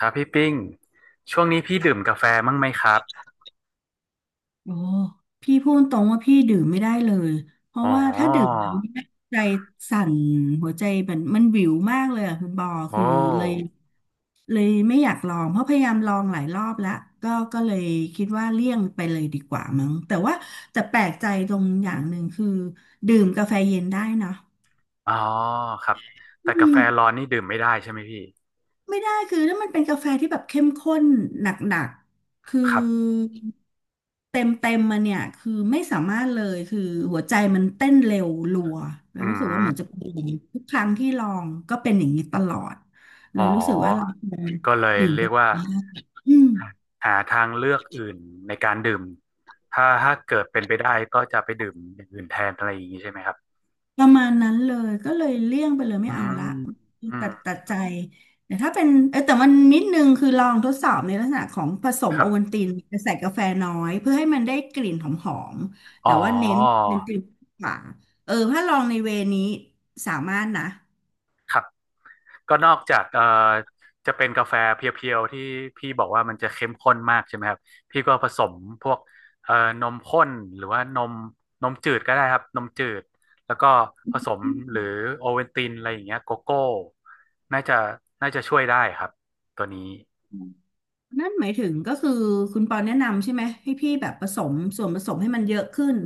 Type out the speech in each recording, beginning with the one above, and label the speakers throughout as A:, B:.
A: ครับพี่ปิ้งช่วงนี้พี่ดื่มกาแฟไหมครับ
B: โอ้พี่พูดตรงว่าพี่ดื่มไม่ได้เลยเพ
A: อ๋
B: ราะ
A: อ
B: ว่าถ้าดื่มน้ำเนี่ยใจสั่นหัวใจมันวิวมากเลยอะคุณบอ
A: โอ้
B: คือเลยเลยไม่อยากลองเพราะพยายามลองหลายรอบแล้วก็เลยคิดว่าเลี่ยงไปเลยดีกว่ามั้งแต่ว่าแต่แปลกใจตรงอย่างหนึ่งคือดื่มกาแฟเย็นได้เนอะ
A: อ๋อครับแต่
B: อื
A: กาแฟ
B: ม
A: ร้อนนี่ดื่มไม่ได้ใช่ไหมพี่
B: ไม่ได้คือถ้ามันเป็นกาแฟที่แบบเข้มข้นหนักๆคือ
A: ครับ
B: เต็มมาเนี่ยคือไม่สามารถเลยคือหัวใจมันเต้นเร็วรัวแล้ว
A: อื
B: รู้สึกว่าเหมือน
A: ม
B: จะเป็นอย่างนี้ทุกครั้งที่ลองก็เป็นอย่างนี้ตลอดเล
A: อ๋อ
B: ยรู้สึกว่าเราควร
A: ก็เลย
B: ดื่ม
A: เรีย
B: กา
A: ก
B: แฟ
A: ว่า
B: ไ้อืม
A: หาทางเลือกอื่นในการดื่มถ้าเกิดเป็นไปได้ก็จะไปดื่มอย่างอื่นแทนอะไรอย่างนี้ใช่ไหมครับ
B: ประมาณนั้นเลยก็เลยเลี่ยงไปเลยไม่
A: อื
B: เอาละ
A: มอื
B: ตั
A: ม
B: ดตัดใจแต่ถ้าเป็นแต่มันนิดนึงคือลองทดสอบในลักษณะของผสม
A: ครั
B: โอ
A: บ
B: วัลตินแต่ใส่กาแฟน้อยเพื่อให้มันได้กลิ่นหอมๆ
A: อ๋
B: แต่
A: อ
B: ว่าเน้นเน้นกลิ่นกว่าถ้าลองในเวนี้สามารถนะ
A: ครับ ก็นอกจากจะเป็นกาแฟเพียวๆที่พี่บอกว่ามันจะเข้มข้นมากใช่ไหมครับพี่ก็ผสมพวกเอ่อนมข้นหรือว่านมนมจืดก็ได้ครับนมจืดแล้วก็ผสมหรือโอเวนตินอะไรอย่างเงี้ยโกโก้น่าจะน่าจะช่วยได้ครับตัวนี้
B: นั่นหมายถึงก็คือคุณปอนแนะนำใช่ไหมให้พี่แบบผสมส่วนผสมให้มันเยอะขึ้น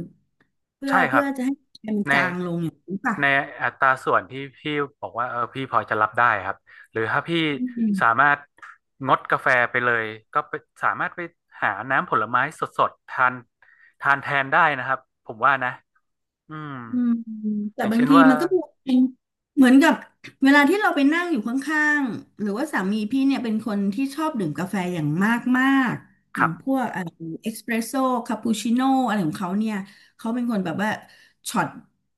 B: เพื่อ
A: ใช่ครั
B: เพื่
A: บ
B: อจะให้มัน
A: ใน
B: จางลงอย่างนี้ป่ะ
A: ในอัตราส่วนที่พี่บอกว่าเออพี่พอจะรับได้ครับหรือถ้าพี่
B: อื
A: สา
B: ม
A: มารถงดกาแฟไปเลยก็สามารถไปหาน้ำผลไม้สดๆทานแทนได้นะครับผมว่านะอืม
B: อืม
A: อ
B: แต่
A: ย่าง
B: บาง
A: เช่น
B: ที
A: ว่า
B: มันก็เป็นเหมือนกับเวลาที่เราไปนั่งอยู่ข้างๆหรือว่าสามีพี่เนี่ยเป็นคนที่ชอบดื่มกาแฟอย่างมากๆ
A: ค
B: อ
A: รั
B: ย่าง
A: บ
B: พวกเอกซ์เพรสโซ่คาปูชิโน่อะไรของเขาเนี่ยเขาเป็นคนแบบว่าช็อต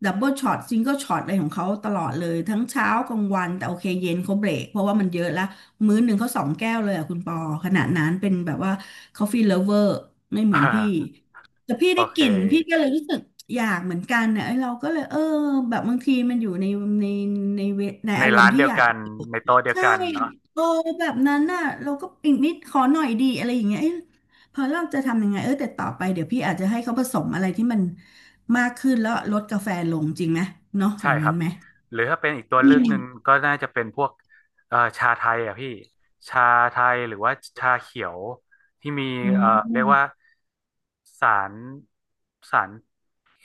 B: ดับเบิลช็อตซิงเกิลช็อตอะไรของเขาตลอดเลยทั้งเช้ากลางวันแต่โอเคเย็นเขาเบรกเพราะว่ามันเยอะละมื้อหนึ่งเขาสองแก้วเลยอะคุณปอขนาดนั้นเป็นแบบว่าค o f ฟ e e เลิฟเวอร์ไม่เหมือนพี่ แต่พี่
A: โอ
B: ได้
A: เค
B: กลิ่นพี่ก็เลยรู้สึก อยากเหมือนกันเนี่ยไอ้เราก็เลยแบบบางทีมันอยู่ในในเวใน
A: ใน
B: อารม
A: ร้า
B: ณ์
A: น
B: ที่
A: เดีย
B: อ
A: ว
B: ยาก
A: กันในโต๊ะเดียว
B: ใช่
A: กันเนาะ
B: เออแบบนั้นน่ะเราก็อีกนิดขอหน่อยดีอะไรอย่างเงี้ยเอ้ยพอเราจะทำยังไงแต่ต่อไปเดี๋ยวพี่อาจจะให้เขาผสมอะไรที่มันมากขึ้นแล้วลดกาแฟลงจริงไหมเนาะอ
A: ใช่
B: ย่าง
A: ค
B: นั้
A: รั
B: น
A: บ
B: ไหม
A: หรือถ้าเป็นอีกตัว
B: อื
A: เลือก
B: ม
A: หนึ่งก็น่าจะเป็นพวกชาไทยอ่ะพี่ชาไทยหรือว่าชาเขียวที่มี
B: อ๋
A: เรียก
B: อ
A: ว่าสารสาร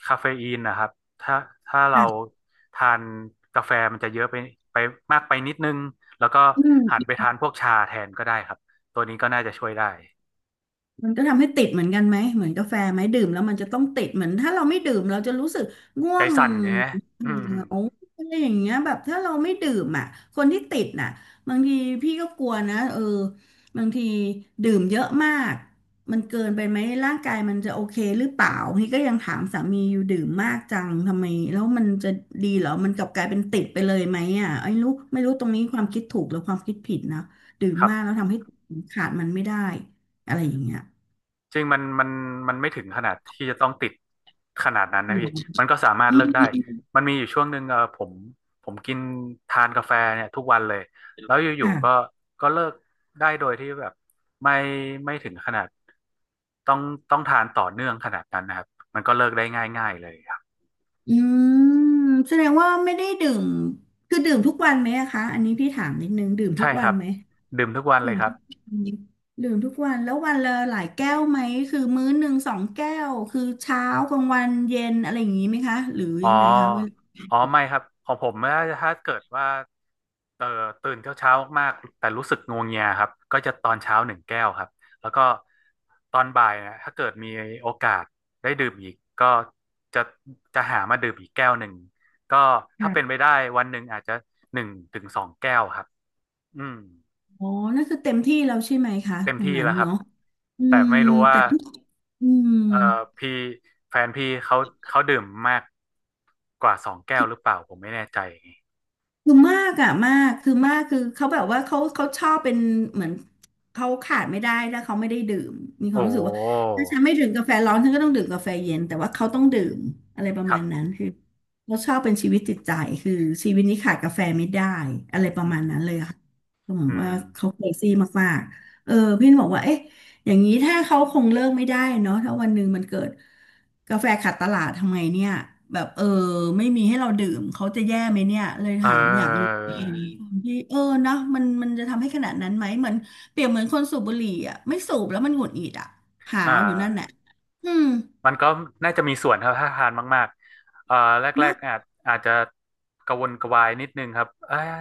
A: คาเฟอีนนะครับถ้าถ้าเรา
B: จ้ะ
A: ทานกาแฟมันจะเยอะไปมากไปนิดนึงแล้วก็
B: อื
A: หัน
B: ม
A: ไปทานพวกชาแทนก็ได้ครับตัวนี้ก็น่าจะช่วยได้
B: มันก็ทำให้ติดเหมือนกันไหมเหมือนกาแฟไหมดื่มแล้วมันจะต้องติดเหมือนถ้าเราไม่ดื่มเราจะรู้สึกง่ว
A: ใจ
B: ง
A: สั่นใช่ไหม
B: เออ
A: อืม
B: โอ้อะไรอย่างเงี้ยแบบถ้าเราไม่ดื่มอ่ะคนที่ติดน่ะบางทีพี่ก็กลัวนะบางทีดื่มเยอะมากมันเกินไปไหมร่างกายมันจะโอเคหรือเปล่าพี่ก็ยังถามสามีอยู่ดื่มมากจังทำไมแล้วมันจะดีเหรอมันกลับกลายเป็นติดไปเลยไหมอ่ะไอ้รู้ไม่รู้ตรงนี้ความคิดถูกหรือความคิดผิดนะดื่ม
A: ครับ
B: มากแล้วทำให้ขาดมันไม่ได้อะไรอย่างเงี้ย
A: จริงมันไม่ถึงขนาดที่จะต้องติดขนาดนั้น
B: อื
A: นะ
B: ม
A: พี่มันก็สามารถ
B: ไม่
A: เลิกได้
B: มี
A: มันมีอยู่ช่วงหนึ่งผมทานกาแฟเนี่ยทุกวันเลยแล้วอยู่ๆก็
B: ค่ะ
A: ก็เลิกได้โดยที่แบบไม่ไม่ถึงขนาดต้องต้องทานต่อเนื่องขนาดนั้นนะครับมันก็เลิกได้ง่ายๆเลยครับ
B: อืมแสดงว่าไม่ได้ดื่ม คือดื่มทุกวันไหมอะคะอันนี้พี่ถามนิดนึง ดื่มทุ
A: ใช่
B: ก
A: ค
B: วั
A: รั
B: น
A: บ
B: ไหม
A: ดื่มทุกวันเล
B: ดื่
A: ย
B: ม
A: ครับ
B: ทุกวันดื่มทุกวัน แล้ววันละหลายแก้วไหมคือมื้อหนึ่งสองแก้วคือเช้ากลางวันเย็นอะไรอย่างนี้ไหมคะ หรือ
A: อ๋
B: ยังไงคะเวล
A: อ
B: า
A: อ๋อไม่ครับของผมถ้าเกิดว่าเอ่อตื่นเช้าเช้ามากๆแต่รู้สึกงัวเงียครับ ก็จะตอนเช้าหนึ่งแก้วครับ แล้วก็ตอนบ่ายนะถ้าเกิดมีโอกาสได้ดื่มอีกก็จะจะหามาดื่มอีกแก้วหนึ่งก็ถ้าเป็นไป
B: ค่ะ
A: ได้วันหนึ่งอาจจะหนึ่งถึงสองแก้วครับ อืม
B: อ๋อนั่นคือเต็มที่แล้วใช่ไหมคะ
A: เต็ม
B: ตรง
A: ที่
B: นั้น
A: แล้วครับ
B: เนาะอื
A: แต่
B: ม
A: ไม่รู้ว่า
B: แต่ทุกอืม
A: เอ่อพี่แฟนพี่เขาดื่มมากกว่าสองแก้วหรือเปล่าผมไม่แน่ใจ
B: คือมากอะมากคือมากคือเขาแบบว่าเขาชอบเป็นเหมือนเขาขาดไม่ได้ถ้าเขาไม่ได้ดื่มมีควา
A: โอ้
B: มรู้สึกว่าถ้าฉันไม่ดื่มกาแฟร้อนฉันก็ต้องดื่มกาแฟเย็นแต่ว่าเขาต้องดื่มอะไรประ
A: ครั
B: มา
A: บ
B: ณนั้นคือเขาชอบเป็นชีวิตจิตใจคือชีวิตนี้ขาดกาแฟไม่ได้อะไรประ
A: อื
B: มา
A: ม
B: ณนั้นเลยอะค่ะก็เหมือ
A: อื
B: นว่า
A: ม
B: เขาเครซี่มากๆพี่บอกว่าเอ๊ะ อย่างนี้ถ้าเขาคงเลิกไม่ได้เนาะถ้าวันหนึ่งมันเกิดกาแฟขาดตลาดทำไงเนี่ยแบบไม่มีให้เราดื่มเขาจะแย่ไหมเนี่ยเลย
A: เอ
B: ถามอยากรู้
A: อ
B: อื่างมที่นะมันจะทำให้ขนาดนั้นไหมเหมือนเปรียบเหมือนคนสูบบุหรี่อ่ะไม่สูบแล้วมันหงุดหงิดอ่ะหา
A: อ่
B: วอยู่นั่นแหละ
A: า
B: อืม
A: มันก็น่าจะมีส่วนครับถ้าทานมากๆแรก
B: เนาะ
A: ๆอาจจะกระวนกระวายนิดนึงครับเอย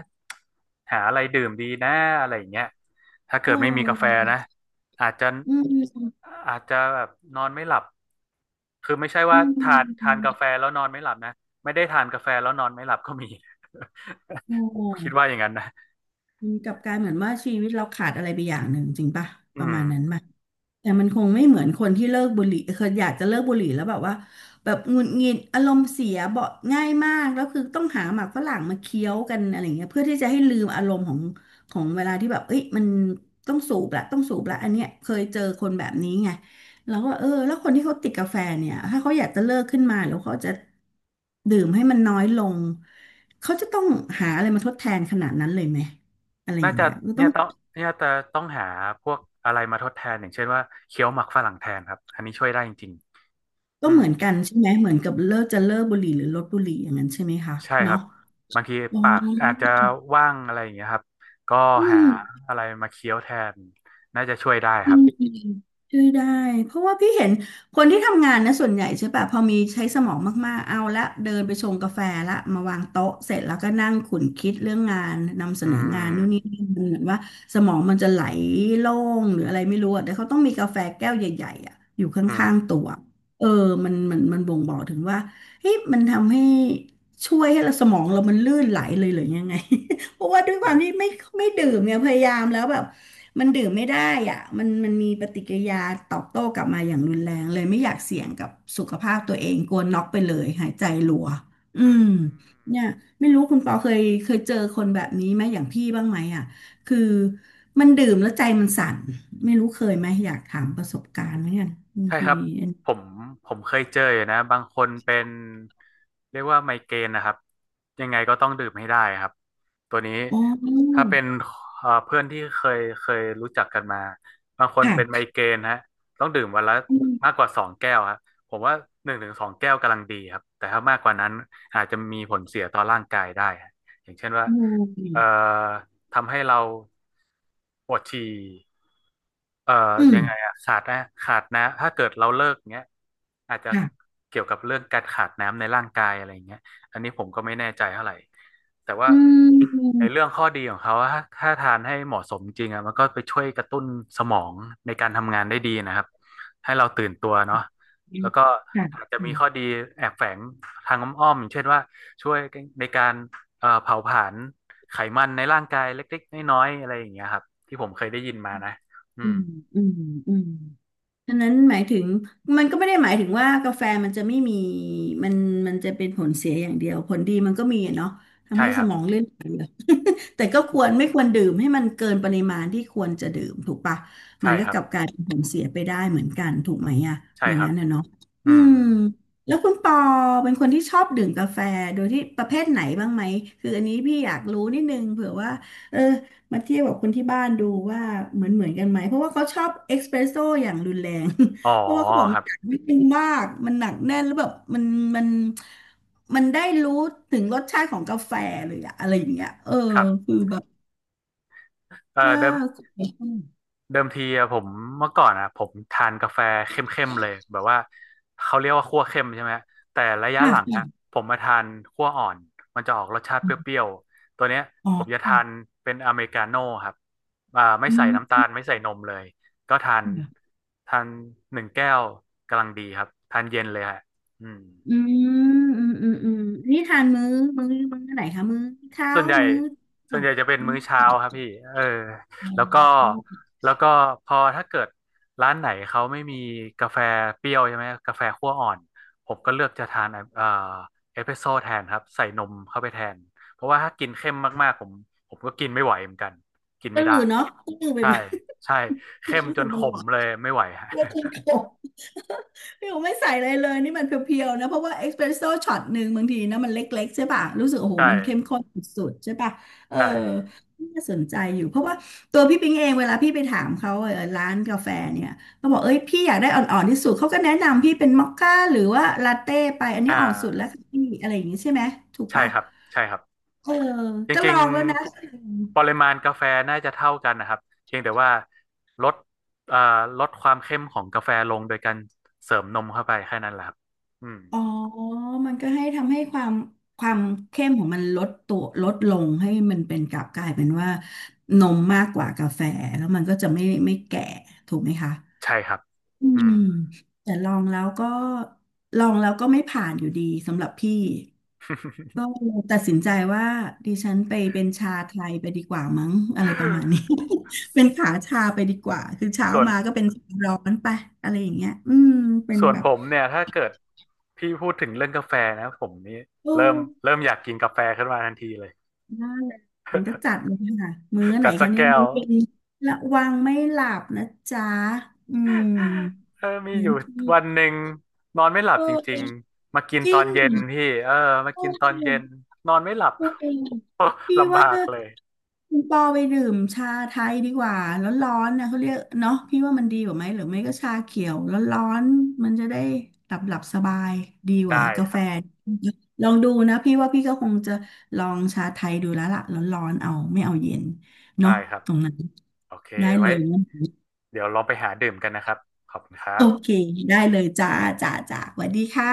A: หาอะไรดื่มดีนะอะไรอย่างเงี้ยถ้า
B: เ
A: เกิดไม่มีกาแฟ
B: ออ
A: นะอาจจะ
B: อืม
A: อาจจะแบบนอนไม่หลับคือไม่ใช่
B: อื
A: ว่าทานทา
B: ม
A: นกาแฟแล้วนอนไม่หลับนะไม่ได้ทานกาแฟแล้วนอนไม่หลับก็มี
B: โอ้
A: ผมคิดว่าอย่างนั้นนะ
B: มันกลับกลายเหมือนว่าชีวิตเราขาดอะไรไปอย่างหนึ่งจริงป่ะ
A: อื
B: ประ
A: ม
B: มาณนั้นป่ะแต่มันคงไม่เหมือนคนที่เลิกบุหรี่เคยอยากจะเลิกบุหรี่แล้วแบบว่าแบบหงุดหงิดอารมณ์เสียเบาะง่ายมากแล้วคือต้องหาหมากฝรั่งมาเคี้ยวกันอะไรเงี้ยเพื่อที่จะให้ลืมอารมณ์ของเวลาที่แบบเอ้ยมันต้องสูบละต้องสูบละอันเนี้ยเคยเจอคนแบบนี้ไงเรวก็เออแล้วคนที่เขาติดกาแฟเนี่ยถ้าเขาอยากจะเลิกขึ้นมาหรือเขาจะดื่มให้มันน้อยลงเขาจะต้องหาอะไรมาทดแทนขนาดนั้นเลยไหม อะไรอ
A: น่า
B: ย่าง
A: จะ
B: เงี้ยก็ต้
A: เนี่
B: อ
A: ย
B: ง
A: ต้องเนี่ยจะต้องหาพวกอะไรมาทดแทนอย่างเช่นว่าเคี้ยวหมักฝรั่งแทนครับอันนี้ช่วยได้จริงๆ
B: ก็
A: อืม
B: เหมือนกันใช่ไหมเหมือนกับเลิกจะเลิกบุหรี่หรือลดบุหรี่อย่างนั้นใช่ไหมคะ
A: ใช่ครั
B: เนาะ
A: บบางที
B: อ๋อ
A: ปากอาจจะว่างอะไรอย่างเงี้ยครับก็
B: อื
A: หา
B: ม
A: อะไรมาเคี้ยวแทนน่าจะช่วยได้ค
B: อื
A: รับ
B: มช่วยได้เพราะว่าพี่เห็นคนที่ทำงานนะส่วนใหญ่ใช่ปะพอมีใช้สมองมากๆเอาละเดินไปชงกาแฟละมาวางโต๊ะเสร็จแล้วก็นั่งขุนคิดเรื่องงานนำเส
A: อื
B: นองานนู่นนี่
A: ม
B: นั่นมันเหมือนว่าสมองมันจะไหลโล่งหรืออะไรไม่รู้อะแต่เขาต้องมีกาแฟแก้วใหญ่ๆอะอยู่ข
A: อืม
B: ้างๆตัวเออมันบ่งบอกถึงว่าเฮ้ยมันทำให้ช่วยให้เราสมองเรามันลื่นไหลเลยหรือยังไง เพราะว่าด้วยความที่ไม่ดื่มเนี่ยพยายามแล้วแบบ มันดื่มไม่ได้อ่ะมันมีปฏิกิริยาตอบโต้กลับมาอย่างรุนแรงเลยไม่อยากเสี่ยงกับสุขภาพตัวเองกลัวน็อกไปเลยหายใจรัวอื
A: อื
B: ม
A: ม
B: เนี่ยไม่รู้คุณปอเคยเจอคนแบบนี้ไหมอย่างพี่บ้างไหมอ่ะคือมันดื่มแล้วใจมันสั่นไม่รู้เคยไหมอยากถามประสบการณ์เหมือนกันบาง
A: ใช่
B: ที
A: ครับผมผมเคยเจออยู่นะบางคนเป็นเรียกว่าไมเกรนนะครับยังไงก็ต้องดื่มให้ได้ครับตัวนี้
B: อ๋
A: ถ้า
B: อ
A: เป็นเพื่อนที่เคยรู้จักกันมาบางคน
B: ค่
A: เป็นไม
B: ะ
A: เกรนฮะต้องดื่มวันละ
B: อืม
A: มากกว่าสองแก้วครับผมว่าหนึ่งถึงสองแก้วกำลังดีครับแต่ถ้ามากกว่านั้นอาจจะมีผลเสียต่อร่างกายได้ฮะอย่างเช่นว่า
B: อืม
A: เอ่อทำให้เราปวดฉี่ เอ่อ
B: อืม
A: ยังไงอะขาดนะขาดนะถ้าเกิดเราเลิกเงี้ยอาจจะ
B: ค่ะ
A: เกี่ยวกับเรื่องการขาดน้ำในร่างกายอะไรเงี้ยอันนี้ผมก็ไม่แน่ใจเท่าไหร่แต่ว่า
B: อื
A: ใน
B: ม
A: เรื่องข้อดีของเขาถ้าทานให้เหมาะสมจริงอะมันก็ไปช่วยกระตุ้นสมองในการทำงานได้ดีนะครับให้เราตื่นตัวเนาะแล้วก็
B: ค่ะ
A: อาจจะ
B: อื
A: มี
B: ม
A: ข้อดีแอบแฝงทางอ้อมๆอย่างเช่นว่าช่วยในการเผาผลาญไขมันในร่างกายเล็กๆน้อยๆอะไรอย่างเงี้ยครับที่ผมเคยได้ยินมานะอื
B: อื
A: ม
B: มอืม ฉะนั้นหมายถึงมันก็ไม่ได้หมายถึงว่ากาแฟมันจะไม่มีมันมันจะเป็นผลเสียอย่างเดียวผลดีมันก็มีอะเนาะทำ
A: ใช่
B: ให้
A: ค
B: ส
A: รับ
B: มองเลื่อนไหลเหรอ แต่ก็ควรไม่ควรดื่มให้มันเกินปริมาณที่ควรจะดื่มถูกปะมั
A: ใช่
B: นก็
A: ครั
B: ก
A: บ
B: ลับกลายเป็นผลเสียไปได้เหมือนกันถูกไหมอะอ
A: ใช่
B: ย่าง
A: ครั
B: นั้
A: บ
B: นนะเนาะ
A: อื
B: อื
A: ม
B: มแล้วคุณปอเป็นคนที่ชอบดื่มกาแฟโดยที่ประเภทไหนบ้างไหมคืออันนี้พี่อยากรู้นิดนึงเผื่อว่าเออ มาเทียบกับคนที่บ้านดูว่าเหมือนกันไหมเพราะว่าเขาชอบเอสเปรสโซ่อย่างรุนแรง
A: อ๋อ
B: เพราะว่าเขาบอก
A: ค
B: มั
A: รั
B: น
A: บ
B: อัดวิตเต็มนมากมันหนักแน่นแล้วแบบมันมันได้รู้ถึงรสชาติของกาแฟเลยอะอะไรอย่างเงี้ยเออ
A: ครับ
B: คือแบบ
A: เอ่อ
B: ว่า
A: เดิมเดิมทีอะผมเมื่อก่อนอะผมทานกาแฟเข้มๆเลยแบบว่าเขาเรียกว่าคั่วเข้มใช่ไหมแต่ระยะ
B: ค่
A: หลังอะ
B: ะ
A: ผมมาทานคั่วอ่อนมันจะออกรสชาติเปรี้ยวๆตัวเนี้ย
B: อ๋
A: ผมจะ
B: อ
A: ทานเป็นอเมริกาโน่ครับไม่
B: อื
A: ใส่น้ำตาล
B: ม
A: ไม่ใส่นมเลยก็ทาน
B: อืม
A: ทานหนึ่งแก้วกำลังดีครับทานเย็นเลยฮะอืม
B: อืมอืมอืมนี่ทานมื้อมื้อไหนคะมื้อเช้า
A: ส่วนใหญ่
B: มื้อ
A: ส่วน
B: บ่า
A: ให
B: ย
A: ญ่จะเป็นมื้
B: มื้
A: อ
B: อ
A: เช้าครับพี่เออแล้วก็แล้วก็พอถ้าเกิดร้านไหนเขาไม่มีกาแฟเปรี้ยวใช่ไหมกาแฟคั่วอ่อนผมก็เลือกจะทานเอ่อเอสเปรสโซ่แทนครับใส่นมเข้าไปแทนเพราะว่าถ้ากินเข้มมากๆผมก็กินไม่ไหวเหมือนกันกิน
B: ก็
A: ไม่
B: ห
A: ได้
B: รือเนาะก็หรือไป
A: ใช่
B: ไหม
A: ใช่ เข้
B: เนี่ย
A: ม
B: รู้
A: จ
B: สึ
A: น
B: ก
A: ข
B: มันห
A: ม
B: วาน
A: เลยไม่ไหว ฮะ
B: เพื่อที่โต พี่ผมไม่ใส่อะไรเลยนี่มันเพียวๆนะเพราะว่าเอสเปรสโซ่ช็อตหนึ่งบางทีนะมันเล็กๆใช่ป่ะรู้สึกโอ้โห
A: ใช่
B: มันเข้มข้นสุดๆใช่ป่ะเออ
A: ใช่
B: น่าสนใจอยู่เพราะว่าตัวพี่ปิงเองเวลาพี่ไปถามเขาเออร้านกาแฟเนี่ยเขาบอกเอ้ยพี่อยากได้อ่อนๆที่สุดเขาก็แนะนำพี่เป็นมอคค่าหรือว่าลาเต้ไปอันนี้
A: อ่า
B: อ่อนสุดแล้วค่ะพี่อะไรอย่างงี้ใช่ไหมถูก
A: ใช่
B: ป่ะ
A: ครับใช่ครับ
B: เออ
A: จ
B: ก็ล
A: ริง
B: องแล้วนะ
A: ๆปริมาณกาแฟน่าจะเท่ากันนะครับเพียงแต่ว่าลดเอ่อลดความเข้มของกาแฟลงโดยการเสริมนมเข้าไปแค่นั้นแหละครับอืม
B: อ๋อมันก็ให้ทำให้ความเข้มของมันลดตัวลดลงให้มันเป็นกลับกลายเป็นว่านมมากกว่ากาแฟแล้วมันก็จะไม่แก่ถูกไหมคะ
A: ใช่ครับ
B: อื
A: อืม
B: มแต่ลองแล้วก็ไม่ผ่านอยู่ดีสำหรับพี่ ก็เลยตัดสินใจว่าดิฉันไปเป็นชาไทยไปดีกว่ามั้ง อะไรประมาณนี้ เป็นขาชาไปดีกว่าคือเช้า
A: ส่วน
B: มาก็เป็นชาร้อนไปอะไรอย่างเงี้ยอืมเป็น
A: ส่วน
B: แบบ
A: ผมเนี่ยถ้าเกิดพี่พูดถึงเรื่องกาแฟนะผมนี่
B: โอ้
A: เริ่มเริ่มอยากกินกาแฟขึ้นมาทันทีเลย
B: นั่นแหละงั้นก็จัดเลยค่ะมื้อ ไหน
A: จัดสั
B: คะ
A: ก
B: เนี่ย
A: แก้ว
B: มื้อเย็นระวังไม่หลับนะจ๊ะอืม
A: เออมีอ
B: งั้
A: ยู่
B: นที่
A: วันหนึ่งนอนไม่หลั
B: เอ
A: บจ
B: อ
A: ริงๆมากิน
B: จ
A: ต
B: ริ
A: อน
B: ง
A: เย็นพี่เออมา
B: โอ้
A: กินตอนเย็นนอนไม่หลับ
B: ตัวเอง พี่
A: ลำบา
B: ว่า
A: กเลย
B: คุณปอไปดื่มชาไทยดีกว่าร้อนๆนะเขาเรียกเนาะพี่ว่ามันดีกว่าไหมหรือไม่ก็ชาเขียวร้อนๆมันจะได้หลับสบายดีกว่า
A: ได้
B: กา
A: ค
B: แฟ
A: รับ
B: ลองดูนะพี่ว่าพี่ก็คงจะลองชาไทยดูแล้วล่ะร้อนๆเอาไม่เอาเย็น
A: ได้
B: เนาะ
A: ครับ
B: ตรงนั้น
A: โอเค
B: ได้เล
A: ไว้
B: ย
A: เดี๋ยวลองไปหาดื่มกันนะครับขอบคุณครั
B: โอ
A: บ
B: เคได้เลยจ้าจ้าสวัสดีค่ะ